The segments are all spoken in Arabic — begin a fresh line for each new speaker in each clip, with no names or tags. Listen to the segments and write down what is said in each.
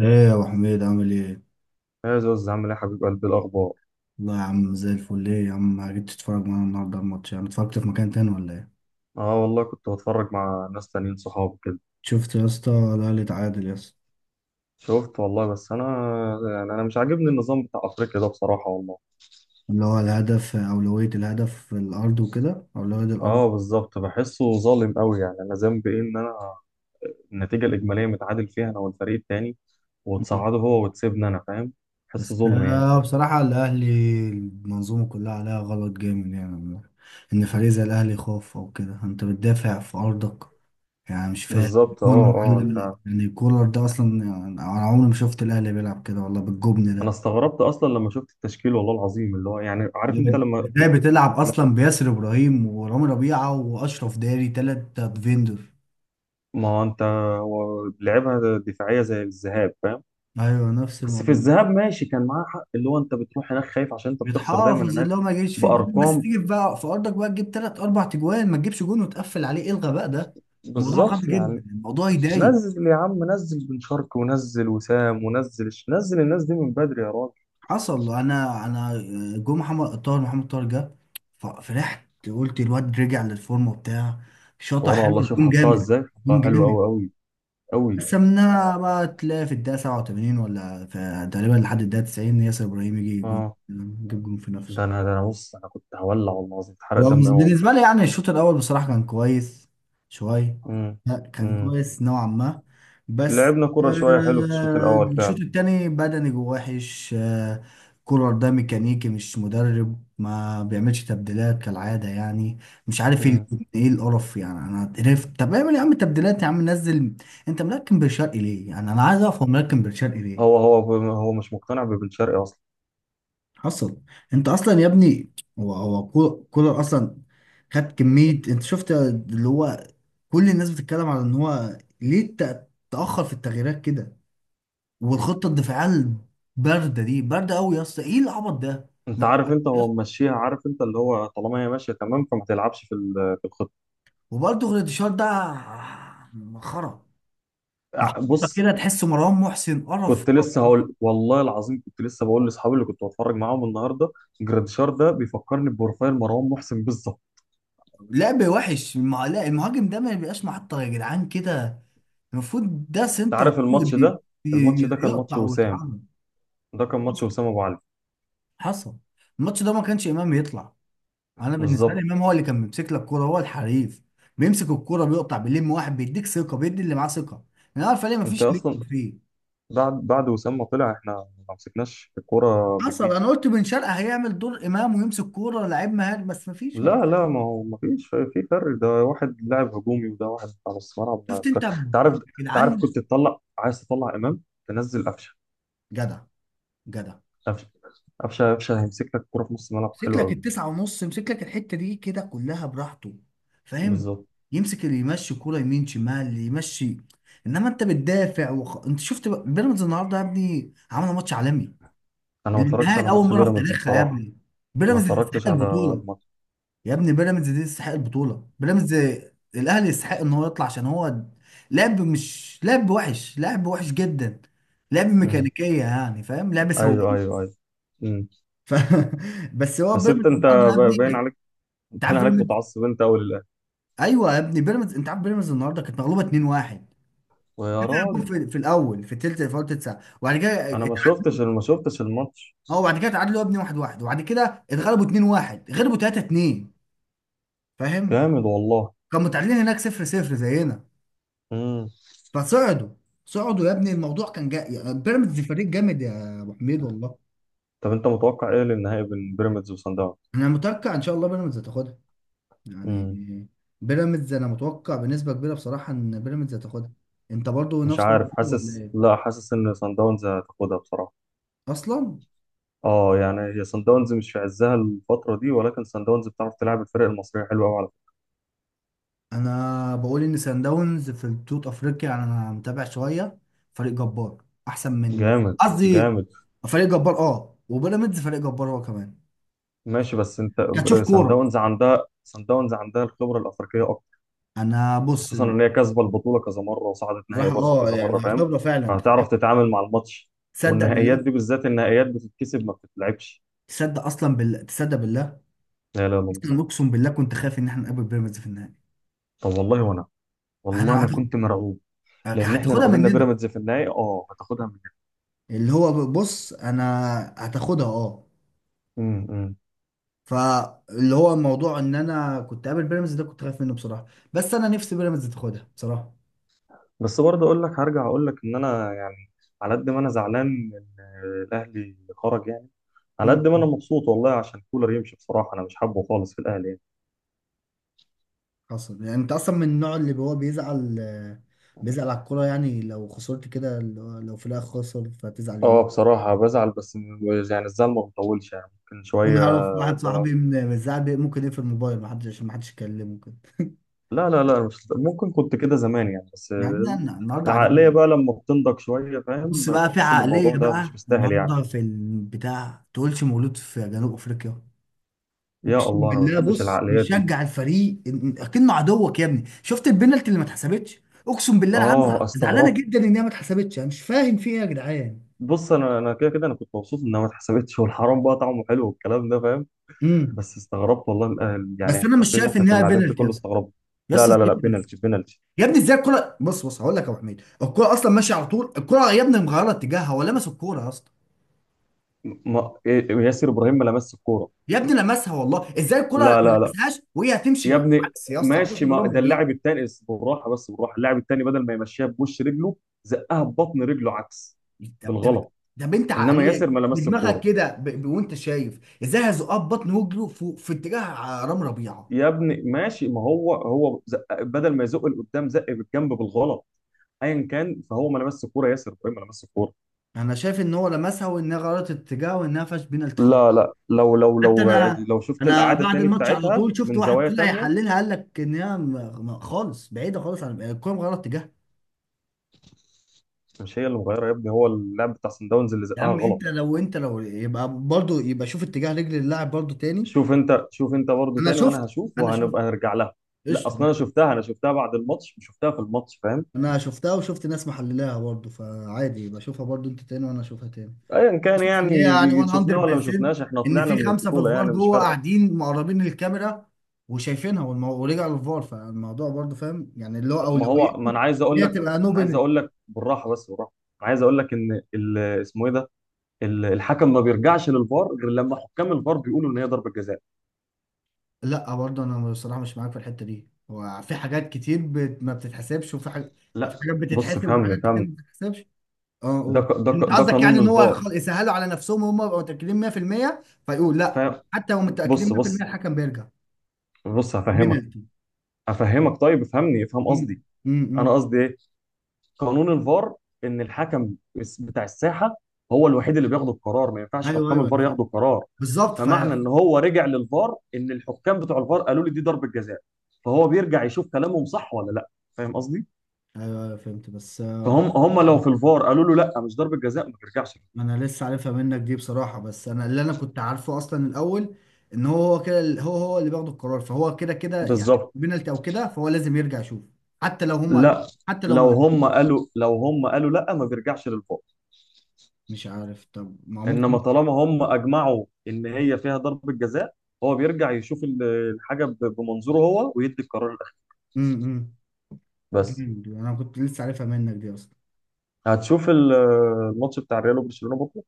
ايه يا ابو حميد عامل ايه؟
يا زوز عامل ايه يا حبيب قلبي الاخبار؟
والله يا عم زي الفل، ايه يا عم ما جيت تتفرج معانا النهارده على الماتش؟ يعني اتفرجت في مكان تاني ولا ايه؟
اه والله كنت بتفرج مع ناس تانيين صحابي كده.
شفت يا اسطى الاهلي اتعادل يا اسطى.
شفت والله بس انا، انا مش عاجبني النظام بتاع افريقيا ده بصراحه والله.
اللي هو الهدف اولوية الهدف في الارض وكده اولوية الارض.
اه بالظبط، بحسه ظالم قوي، انا ذنبي ايه؟ ان انا النتيجه الاجماليه متعادل فيها انا والفريق التاني،
مم.
وتصعده هو وتسيبني انا، فاهم؟ بحسه
بس
ظلم يعني.
بصراحة الاهلي المنظومة كلها عليها غلط جامد يعني. ان فريق زي الاهلي يخاف او كده، انت بتدافع في ارضك يعني، مش فاهم.
بالظبط، اه انت.
كولر ده اصلا، يعني انا عمري ما شفت الاهلي بيلعب كده والله بالجبن
انا
ده.
استغربت اصلا لما شفت التشكيل والله العظيم، اللي هو يعني عارف انت لما.
ازاي بتلعب
لا،
اصلا بياسر ابراهيم ورامي ربيعه واشرف داري تلات ديفندر؟
ما هو انت، هو لعبها دفاعيه زي الذهاب فاهم.
ايوه نفس
بس في
الموضوع.
الذهاب ماشي كان معاه حق، اللي هو انت بتروح هناك خايف عشان انت بتخسر دايما
بتحافظ
هناك.
اللي هو ما يجيش فيك جون، بس
بارقام،
تيجي بقى في ارضك بقى تجيب تلات اربع تجوان ما تجيبش جون وتقفل عليه، ايه الغباء ده؟ الموضوع غبي
بالظبط
جدا،
يعني.
الموضوع يضايق.
نزل يا عم، نزل بن شرقي، ونزل وسام، ونزل نزل الناس دي من بدري يا راجل.
حصل. انا جو، محمد طاهر جه، ففرحت قلت الواد رجع للفورمه بتاع، شاطح
وانا والله
حلو،
شوف
جون
حطها
جامد،
ازاي،
جون
حطها حلو
جامد.
قوي قوي قوي.
قسمناها بقى تلاقي في الدقيقة 87 ولا في تقريبا لحد الدقيقة 90 ياسر إبراهيم يجي جون،
اه،
يجيب جون في
ده
نفسه.
انا ده انا بص، انا كنت هولع والله العظيم، اتحرق دمي قوي والله.
بالنسبة لي يعني الشوط الأول بصراحة كان كويس شوية.
امم
لا كان
امم
كويس نوعا ما. بس
لعبنا كرة شوية حلو في الشوط الاول
الشوط
فعلا.
التاني بدني جوه وحش كولر ده ميكانيكي مش مدرب، ما بيعملش تبديلات كالعادة يعني. مش عارف
امم
ايه القرف يعني، انا قرفت، طب اعمل يا عم تبديلات يا عم، نزل. انت ملكم بن شرقي ليه؟ يعني انا عايز افهم، ملكم بن شرقي ليه؟
هو هو هو مش مقتنع ببن شرقي.
حصل. انت اصلا يا ابني هو هو كولر كولر اصلا. خد كميه، انت شفت اللي هو، كل الناس بتتكلم على ان هو ليه تاخر في التغييرات كده، والخطه الدفاعيه البارده دي بارده قوي يا اسطى، ايه العبط ده؟
انت عارف انت هو ممشيها، عارف انت اللي هو طالما هي ماشيه تمام فما تلعبش في في الخطه.
وبرده غريتشار ده مسخره.
بص،
كده تحس مروان محسن قرف.
كنت لسه هقول والله العظيم، كنت لسه بقول لاصحابي اللي كنت بتفرج معاهم النهارده، جراديشار ده بيفكرني ببروفايل مروان محسن بالظبط.
لعب وحش لا، المهاجم ده ما بيبقاش محطه يا جدعان، كده المفروض ده
انت
سنتر.
عارف الماتش
دي
ده، الماتش
دي-
ده كان ماتش
يقطع
وسام،
ويتحرك.
ده كان ماتش وسام ابو علي.
حصل. الماتش ده ما كانش امام يطلع، انا بالنسبه لي
بالظبط.
امام هو اللي كان بيمسك لك الكوره، هو الحريف، بيمسك الكوره بيقطع بيلم واحد، بيديك ثقه، بيدي اللي معاه ثقه. انا عارف ليه، ما
انت
فيش
اصلا
ليدر فيه.
بعد وسام ما طلع، احنا ما مسكناش الكوره بجنيه.
حصل. انا قلت بن شرقه هيعمل دور امام ويمسك كوره، لعيب مهاري، بس مفيش، ما فيش.
لا لا، ما هو ما فيش في فرق، ده واحد لاعب هجومي وده واحد على نص ملعب، ما
شفت
تك-
انت ب- يا
تعرف، تعرف
جدعان،
كنت تطلع، عايز تطلع امام، تنزل قفشه،
جدع جدع،
قفشه، قفشه. قفشه هيمسك لك الكوره في نص الملعب
يمسك
حلو
لك
قوي.
التسعه ونص، يمسك لك الحته دي كده كلها براحته، فاهم؟
بالظبط.
يمسك اللي يمشي كوره يمين شمال يمشي. انما انت بتدافع بيراميدز النهارده يا ابني عملوا ماتش عالمي،
انا
دي
ما اتفرجتش
النهائي
على
لاول
ماتش
مره في
بيراميدز
تاريخها يا
بصراحه،
ابني،
ما
بيراميدز
اتفرجتش
تستحق
على
البطوله،
الماتش.
يا ابني بيراميدز دي تستحق البطوله، بيراميدز. الاهلي يستحق ان هو يطلع، عشان هو لعب، مش لعب وحش، لعب وحش جدا، لعب
امم.
ميكانيكيه يعني فاهم، لعب
ايوه
سواقين
ايوه ايوه. امم.
ف... بس هو
بس
بيراميدز
انت، انت
النهارده يا
باين
ابني.
عليك،
انت
باين
عارف
عليك
بيراميدز،
متعصب انت قوي للاهلي.
ايوه يا ابني بيراميدز، انت عارف بيراميدز النهارده كانت مغلوبه 2-1،
ويا راجل،
جول في الاول، في الثلث، في اول تلت ساعه، وبعد كده
انا ما شفتش، ما شفتش الماتش
اه وبعد كده اتعادلوا يا ابني 1-1، وبعد كده اتغلبوا 2-1، غلبوا 3-2، فاهم؟
كامل والله.
كانوا متعادلين هناك 0-0 زينا
امم.
فصعدوا. صعدوا يا ابني الموضوع كان جاي، يعني بيراميدز فريق جامد يا ابو حميد والله.
طب انت متوقع ايه للنهائي بين بيراميدز وصن
انا متوقع ان شاء الله بيراميدز هتاخدها يعني.
داونز؟
بيراميدز انا متوقع بنسبه كبيره بصراحه ان بيراميدز هتاخدها. انت برضو
مش
نفس
عارف،
الموضوع ولا
حاسس،
ايه؟
لا، حاسس ان سان داونز هتاخدها بصراحه.
اصلا
اه يعني هي سان داونز مش في عزها الفتره دي، ولكن سان داونز بتعرف تلعب الفرق المصريه حلوه قوي. على
انا بقول ان سان داونز في بطوله افريقيا يعني، انا متابع شويه، فريق جبار، احسن
فكره،
من
جامد
قصدي
جامد.
فريق جبار، اه، وبيراميدز فريق جبار هو كمان.
ماشي، بس انت
كتشوف
سان
كوره.
داونز عندها، سان داونز عندها الخبره الافريقيه اكتر،
انا بص،
خصوصا ان هي كاسبه البطوله كذا مره وصعدت نهائي
راح،
برضه
اه
كذا
يعني
مره، فاهم؟
هختبره فعلا،
فهتعرف تتعامل مع الماتش،
تصدق
والنهائيات
بالله؟
دي بالذات النهائيات بتتكسب ما بتتلعبش.
تصدق اصلا بالله؟ تصدق بالله؟
لا لا لا،
اصلا اقسم بالله كنت خايف ان احنا نقابل بيراميدز في النهائي.
طب والله وانا، والله
انا
انا
هت-
كنت مرعوب. لان احنا لو
هتاخدها
قابلنا
مننا
بيراميدز في النهائي، اه، هتاخدها
اللي هو، بص انا هتاخدها اه،
مننا.
فاللي هو الموضوع ان انا كنت قابل بيراميدز ده كنت خايف منه بصراحه، بس انا نفسي بيراميدز تاخدها بصراحه.
بس برضه اقول لك، هرجع اقول لك ان انا يعني على قد ما انا زعلان ان الاهلي خرج يعني، على قد ما انا
امم.
مبسوط والله عشان كولر يمشي. بصراحه انا مش حابه خالص في الاهلي يعني.
حصل يعني. انت اصلا من النوع اللي هو بيزعل، بيزعل على الكوره يعني، لو خسرت كده اللي هو لو في الاخر خسر فتزعل
اه
يومين.
بصراحه بزعل، بس يعني الزعل ما بيطولش يعني، ممكن شويه.
انا اعرف واحد
اللي هو
صاحبي من الزعل ممكن يقفل الموبايل، ما حدش، عشان ما حدش يكلمه كده
لا لا لا، مش ممكن، كنت كده زمان يعني. بس
النهارده
العقليه
قاعدين.
بقى لما بتنضج شويه فاهم،
بص بقى في
بتحس ان الموضوع
عقليه
ده
بقى
مش مستاهل يعني.
النهارده، في البتاع تقولش مولود في جنوب افريقيا،
يا
اقسم
الله، انا ما
بالله.
بحبش
بص
العقليات دي.
بيشجع الفريق اكنه عدوك يا ابني، شفت البنالتي اللي ما اتحسبتش؟ اقسم بالله العالم
اه
زعلانه
استغربت.
جدا ان هي ما اتحسبتش، انا مش فاهم في ايه يا جدعان.
بص انا، كده كده انا كنت مبسوط انها ما اتحسبتش، والحرام بقى طعمه حلو والكلام ده فاهم.
امم.
بس استغربت والله الأهل يعني،
بس انا مش
الكافيه اللي
شايف
احنا
ان
كنا
هي
قاعدين فيه
بنالتي يا
كله
اسطى،
استغربنا.
يا
لا لا لا
اسطى دي
لا،
penalty.
بينالتي بينالتي.
يا ابني ازاي الكرة، بص بص هقول لك يا ابو حميد، الكرة اصلا ماشية على طول، الكرة يا ابني مغيرة اتجاهها، هو لمس الكرة يا اسطى،
ما إيه، ياسر ابراهيم ما لمس الكوره.
يا ابني لمسها والله، ازاي الكرة
لا
ما
لا لا
لمسهاش وهي
يا
هتمشي
ابني،
عكس يا اسطى؟ هتروح
ماشي، ما
لرامي
ده
ربيع.
اللاعب الثاني بالراحه، بس بالراحه، اللاعب الثاني بدل ما يمشيها بوش رجله زقها ببطن رجله عكس
طب.
بالغلط.
طب انت
انما ياسر
عقلية
ما لمس
بدماغك
الكوره
كده وانت شايف ازاي هيزقها ببطن وجره في اتجاه رامي ربيعة.
يا ابني. ماشي ما هو هو زق بدل ما يزق لقدام، زق بالجنب بالغلط. ايا كان، فهو ما لمس الكوره، ياسر ابراهيم ما لمس الكوره.
انا شايف ان هو لمسها وانها غيرت اتجاه وانها فاش بينالتي خالص.
لا لا، لو لو
حتى
لو يعني
انا،
لو شفت
انا
الإعادة
بعد
تاني
الماتش على
بتاعتها
طول شفت
من
واحد
زوايا
طلع
تانية.
يحللها، قال لك ان هي خالص بعيده خالص عن الكوره مغيره اتجاهها.
مش هي اللي مغيرة يا ابني، هو اللاعب بتاع سان داونز اللي
يا
زقها
عم انت
غلط.
لو انت لو يبقى برضو، يبقى شوف اتجاه رجل اللاعب برضو تاني.
شوف انت، شوف انت برضو
انا
تاني، وانا
شفت
هشوف،
انا شفت.
وهنبقى نرجع لها. لا
قشطه يا
اصلا انا
باشا.
شفتها، انا شفتها بعد الماتش مش شفتها في الماتش فاهم.
انا شفتها وشفت ناس محللاها برضو، فعادي يبقى شوفها برضو انت تاني وانا اشوفها تاني.
ايا كان
شوف ان هي يعني
يعني، شفناه ولا ما
100%،
شفناش، احنا
ان
طلعنا
في
من
خمسه في
البطولة
الفار
يعني مش
جوه
فارقة.
قاعدين مقربين للكاميرا وشايفينها ورجع للفار، فالموضوع برضو فاهم يعني اللي هو
طب ما هو،
اولويته
ما انا عايز
ان
اقول
هي
لك،
تبقى نو
انا عايز
بينالتي.
اقول لك بالراحة، بس بالراحة. أنا عايز اقول لك ان اسمه ايه ده، الحكم ما بيرجعش للفار غير لما حكام الفار بيقولوا ان هي ضربة جزاء.
لا برضو انا بصراحه مش معاك في الحته دي، هو في حاجات كتير ما بتتحسبش وفي حاجات
لا،
يعني، في حاجات
بص
بتتحسب وفي
فهمني،
حاجات كتير
فهمني.
ما بتتحسبش. اه قول. انت
ده
قصدك
قانون
يعني ان هو
الفار.
يسهلوا على نفسهم وهم يبقوا متاكدين 100% فيقول
ف
لا؟ حتى لو متاكدين
بص
100%
بص
الحكم بيرجع.
بص، هفهمك،
بنالتي.
هفهمك. طيب افهمني، افهم قصدي. انا
امم.
قصدي ايه؟ قانون الفار ان الحكم بتاع الساحه هو الوحيد اللي بياخد القرار، ما ينفعش
ايوه
حكام
ايوه، انا
الفار
فاهم،
ياخدوا القرار.
بالظبط ايوه.
فمعنى ان هو رجع للفار ان الحكام بتوع الفار قالوا لي دي ضربه جزاء، فهو بيرجع يشوف كلامهم صح ولا لا، فاهم قصدي؟
ايوه فهمت، بس
فهم هم لو في الفار قالوا له لا مش ضربه جزاء ما بيرجعش.
انا لسه عارفها منك دي بصراحه، بس انا اللي انا كنت عارفه اصلا الاول، ان هو كده هو اللي بياخد القرار، فهو كده كده يعني
بالظبط.
بينالتي او كده، فهو لازم يرجع يشوف حتى لو هم قالوا،
لا
حتى لو ما
لو هم
قالوا.
قالوا، لو هم قالوا لا ما بيرجعش للفار.
مش عارف طب ما هو
انما
ممكن.
طالما هم اجمعوا ان هي فيها ضربه جزاء، هو بيرجع يشوف الحاجه بمنظوره هو ويدي القرار الاخير.
امم.
بس.
جامد، انا كنت لسه عارفها منك دي اصلا.
هتشوف الماتش بتاع الريال وبرشلونه بكره.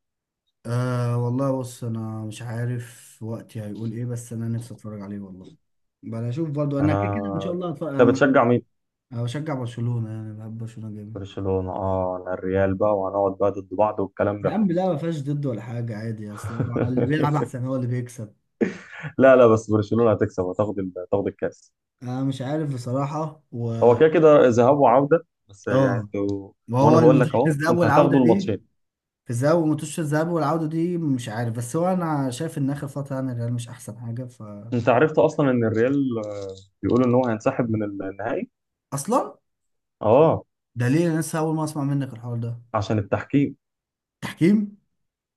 أه والله، بص انا مش عارف وقتي هيقول ايه، بس انا نفسي اتفرج عليه والله، بقى اشوف برضو، انا كده
انا،
كده ان شاء الله هتفرج
انت
انا.
بتشجع مين؟
أنا بشجع برشلونة، يعني بحب برشلونة جامد.
برشلونه، اه، انا الريال بقى وهنقعد بقى ضد بعض والكلام
يا
ده.
عم لا، ما فيهاش ضد ولا حاجة، عادي، اصل هو اللي بيلعب احسن هو اللي بيكسب.
لا لا، بس برشلونه هتكسب، هتاخد هتاخد الكاس.
انا مش عارف بصراحة. و
هو كده كده ذهاب وعوده بس يعني
اه،
انتوا.
ما هو
وانا بقول
الماتش
لك
في
اهو،
الذهاب
انت
والعودة
هتاخدوا
دي،
الماتشين.
في الذهاب، وماتش الذهاب والعودة دي مش عارف، بس هو انا شايف ان اخر فترة يعني الريال مش احسن حاجة ف.
انت عرفت اصلا ان الريال، بيقولوا ان هو هينسحب من النهائي.
اصلا
اه
ده ليه؟ انا لسه اول ما اسمع منك الحوار ده.
عشان التحكيم.
تحكيم؟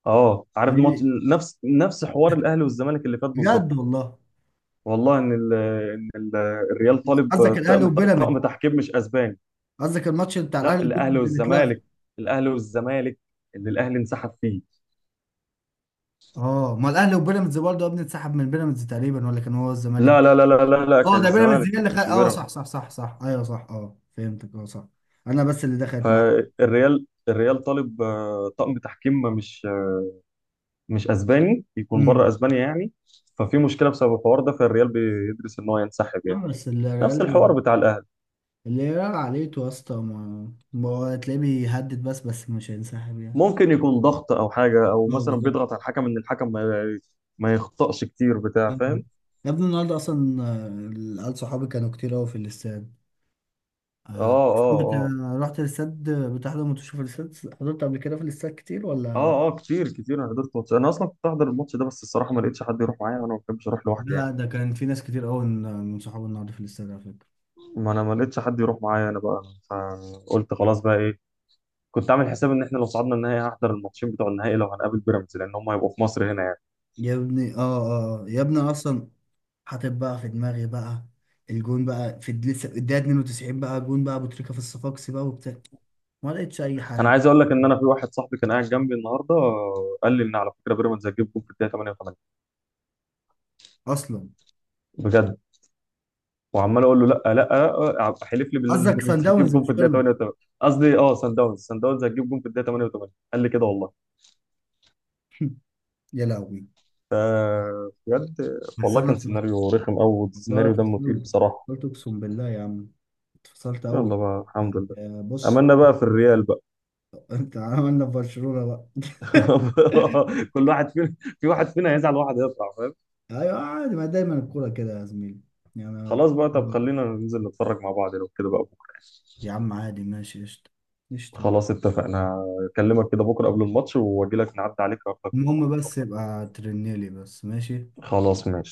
اه، عارف ماتش،
ليه؟
نفس حوار الاهلي والزمالك اللي فات بالظبط.
بجد والله.
والله ان ال ان ال الريال طالب
قصدك الاهلي
طقم
وبيراميدز؟
طقم تحكيم مش اسباني.
قصدك الماتش بتاع
لا،
الاهلي
الاهلي
وبيراميدز اللي اتلغى؟
والزمالك، الاهلي والزمالك اللي الاهلي انسحب فيه.
اه ما الاهلي وبيراميدز برضه يا ابني اتسحب من بيراميدز تقريبا، ولا كان هو الزمالك؟
لا لا لا لا لا لا،
اه
كان
ده بيراميدز
الزمالك
هي
ما
اللي خد،
كانش
اه
بيراميدز.
صح صح صح صح، ايوه صح، اه فهمتك، اه صح. انا بس اللي دخلت معاك.
فالريال، الريال طالب، طقم تحكيم مش، مش اسباني، يكون
امم.
بره اسبانيا يعني. ففي مشكله بسبب الحوار ده، فالريال بيدرس ان هو ينسحب يعني.
نعم، بس
نفس الحوار
الريال
بتاع الاهلي.
عليته يا اسطى، ما هو هتلاقيه بيهدد بس، بس مش هينسحب يعني.
ممكن يكون ضغط او حاجه، او
اه
مثلا
بالظبط.
بيضغط على الحكم ان الحكم ما يخطأش كتير بتاع
أيوة.
فاهم.
يا ابني النهارده اصلا العيال صحابي كانوا كتير قوي في الاستاد
اه
آه،
اه
بت...
اه
رحت الاستاد؟ بتحضر ماتش في الاستاد؟ حضرت قبل كده في الاستاد كتير ولا؟
اه كتير كتير. انا حضرت ماتش، انا اصلا كنت احضر الماتش ده، بس الصراحه ما لقيتش حد يروح معايا، وانا ما بحبش اروح لوحدي يعني.
لا ده كان في ناس كتير قوي من صحابي النهارده في الاستاد على فكرة.
ما انا ما لقيتش حد يروح معايا انا بقى، فقلت خلاص بقى ايه، كنت عامل حساب ان احنا لو صعدنا النهائي هحضر الماتشين بتوع النهائي، لو هنقابل بيراميدز لان هم هيبقوا في مصر هنا يعني.
يا ابني اه، اه يا ابني اصلا، حاطط بقى في دماغي بقى الجون بقى لسه الدقيقة 92 بقى جون بقى ابو تريكة في الصفاقسي بقى وبتاع، ما لقيتش اي
انا
حاجة.
عايز اقول لك ان انا، في واحد صاحبي كان قاعد جنبي النهارده قال لي ان على فكره بيراميدز هتجيب جول في الدقيقه 88.
اصلا
بجد؟ وعمال اقول له لا لا، حلف لي بالله ان
قصدك سان
بيراميدز هتجيب
داونز
جون
مش
في الدقيقه
بيراميدز؟
88. قصدي اه سان داونز، سان داونز هتجيب جون في الدقيقه 88 قال لي كده والله.
يا لهوي.
ف بجد
بس
والله،
انا
كان
اتف-
سيناريو رخم قوي،
والله
السيناريو دمه تقيل
اتفصلت،
بصراحه.
اتفصلت اقسم بالله يا عم، اتفصلت قوي.
يلا بقى، الحمد لله،
بص،
املنا بقى في الريال بقى.
انت عملنا في برشلونة بقى
كل واحد فينا، في واحد فينا هيزعل، واحد هيفرح فاهم.
ايوه عادي، ما دايما الكورة كده يا زميلي يعني.
خلاص بقى، طب خلينا ننزل نتفرج مع بعض لو كده بقى بكره.
يا عم عادي ماشي قشطة، قشطة.
خلاص اتفقنا. اكلمك كده بكره قبل الماتش، واجي لك نعدي عليك اخدك،
المهم
نتفرج.
بس يبقى ترنيلي بس، ماشي.
خلاص ماشي.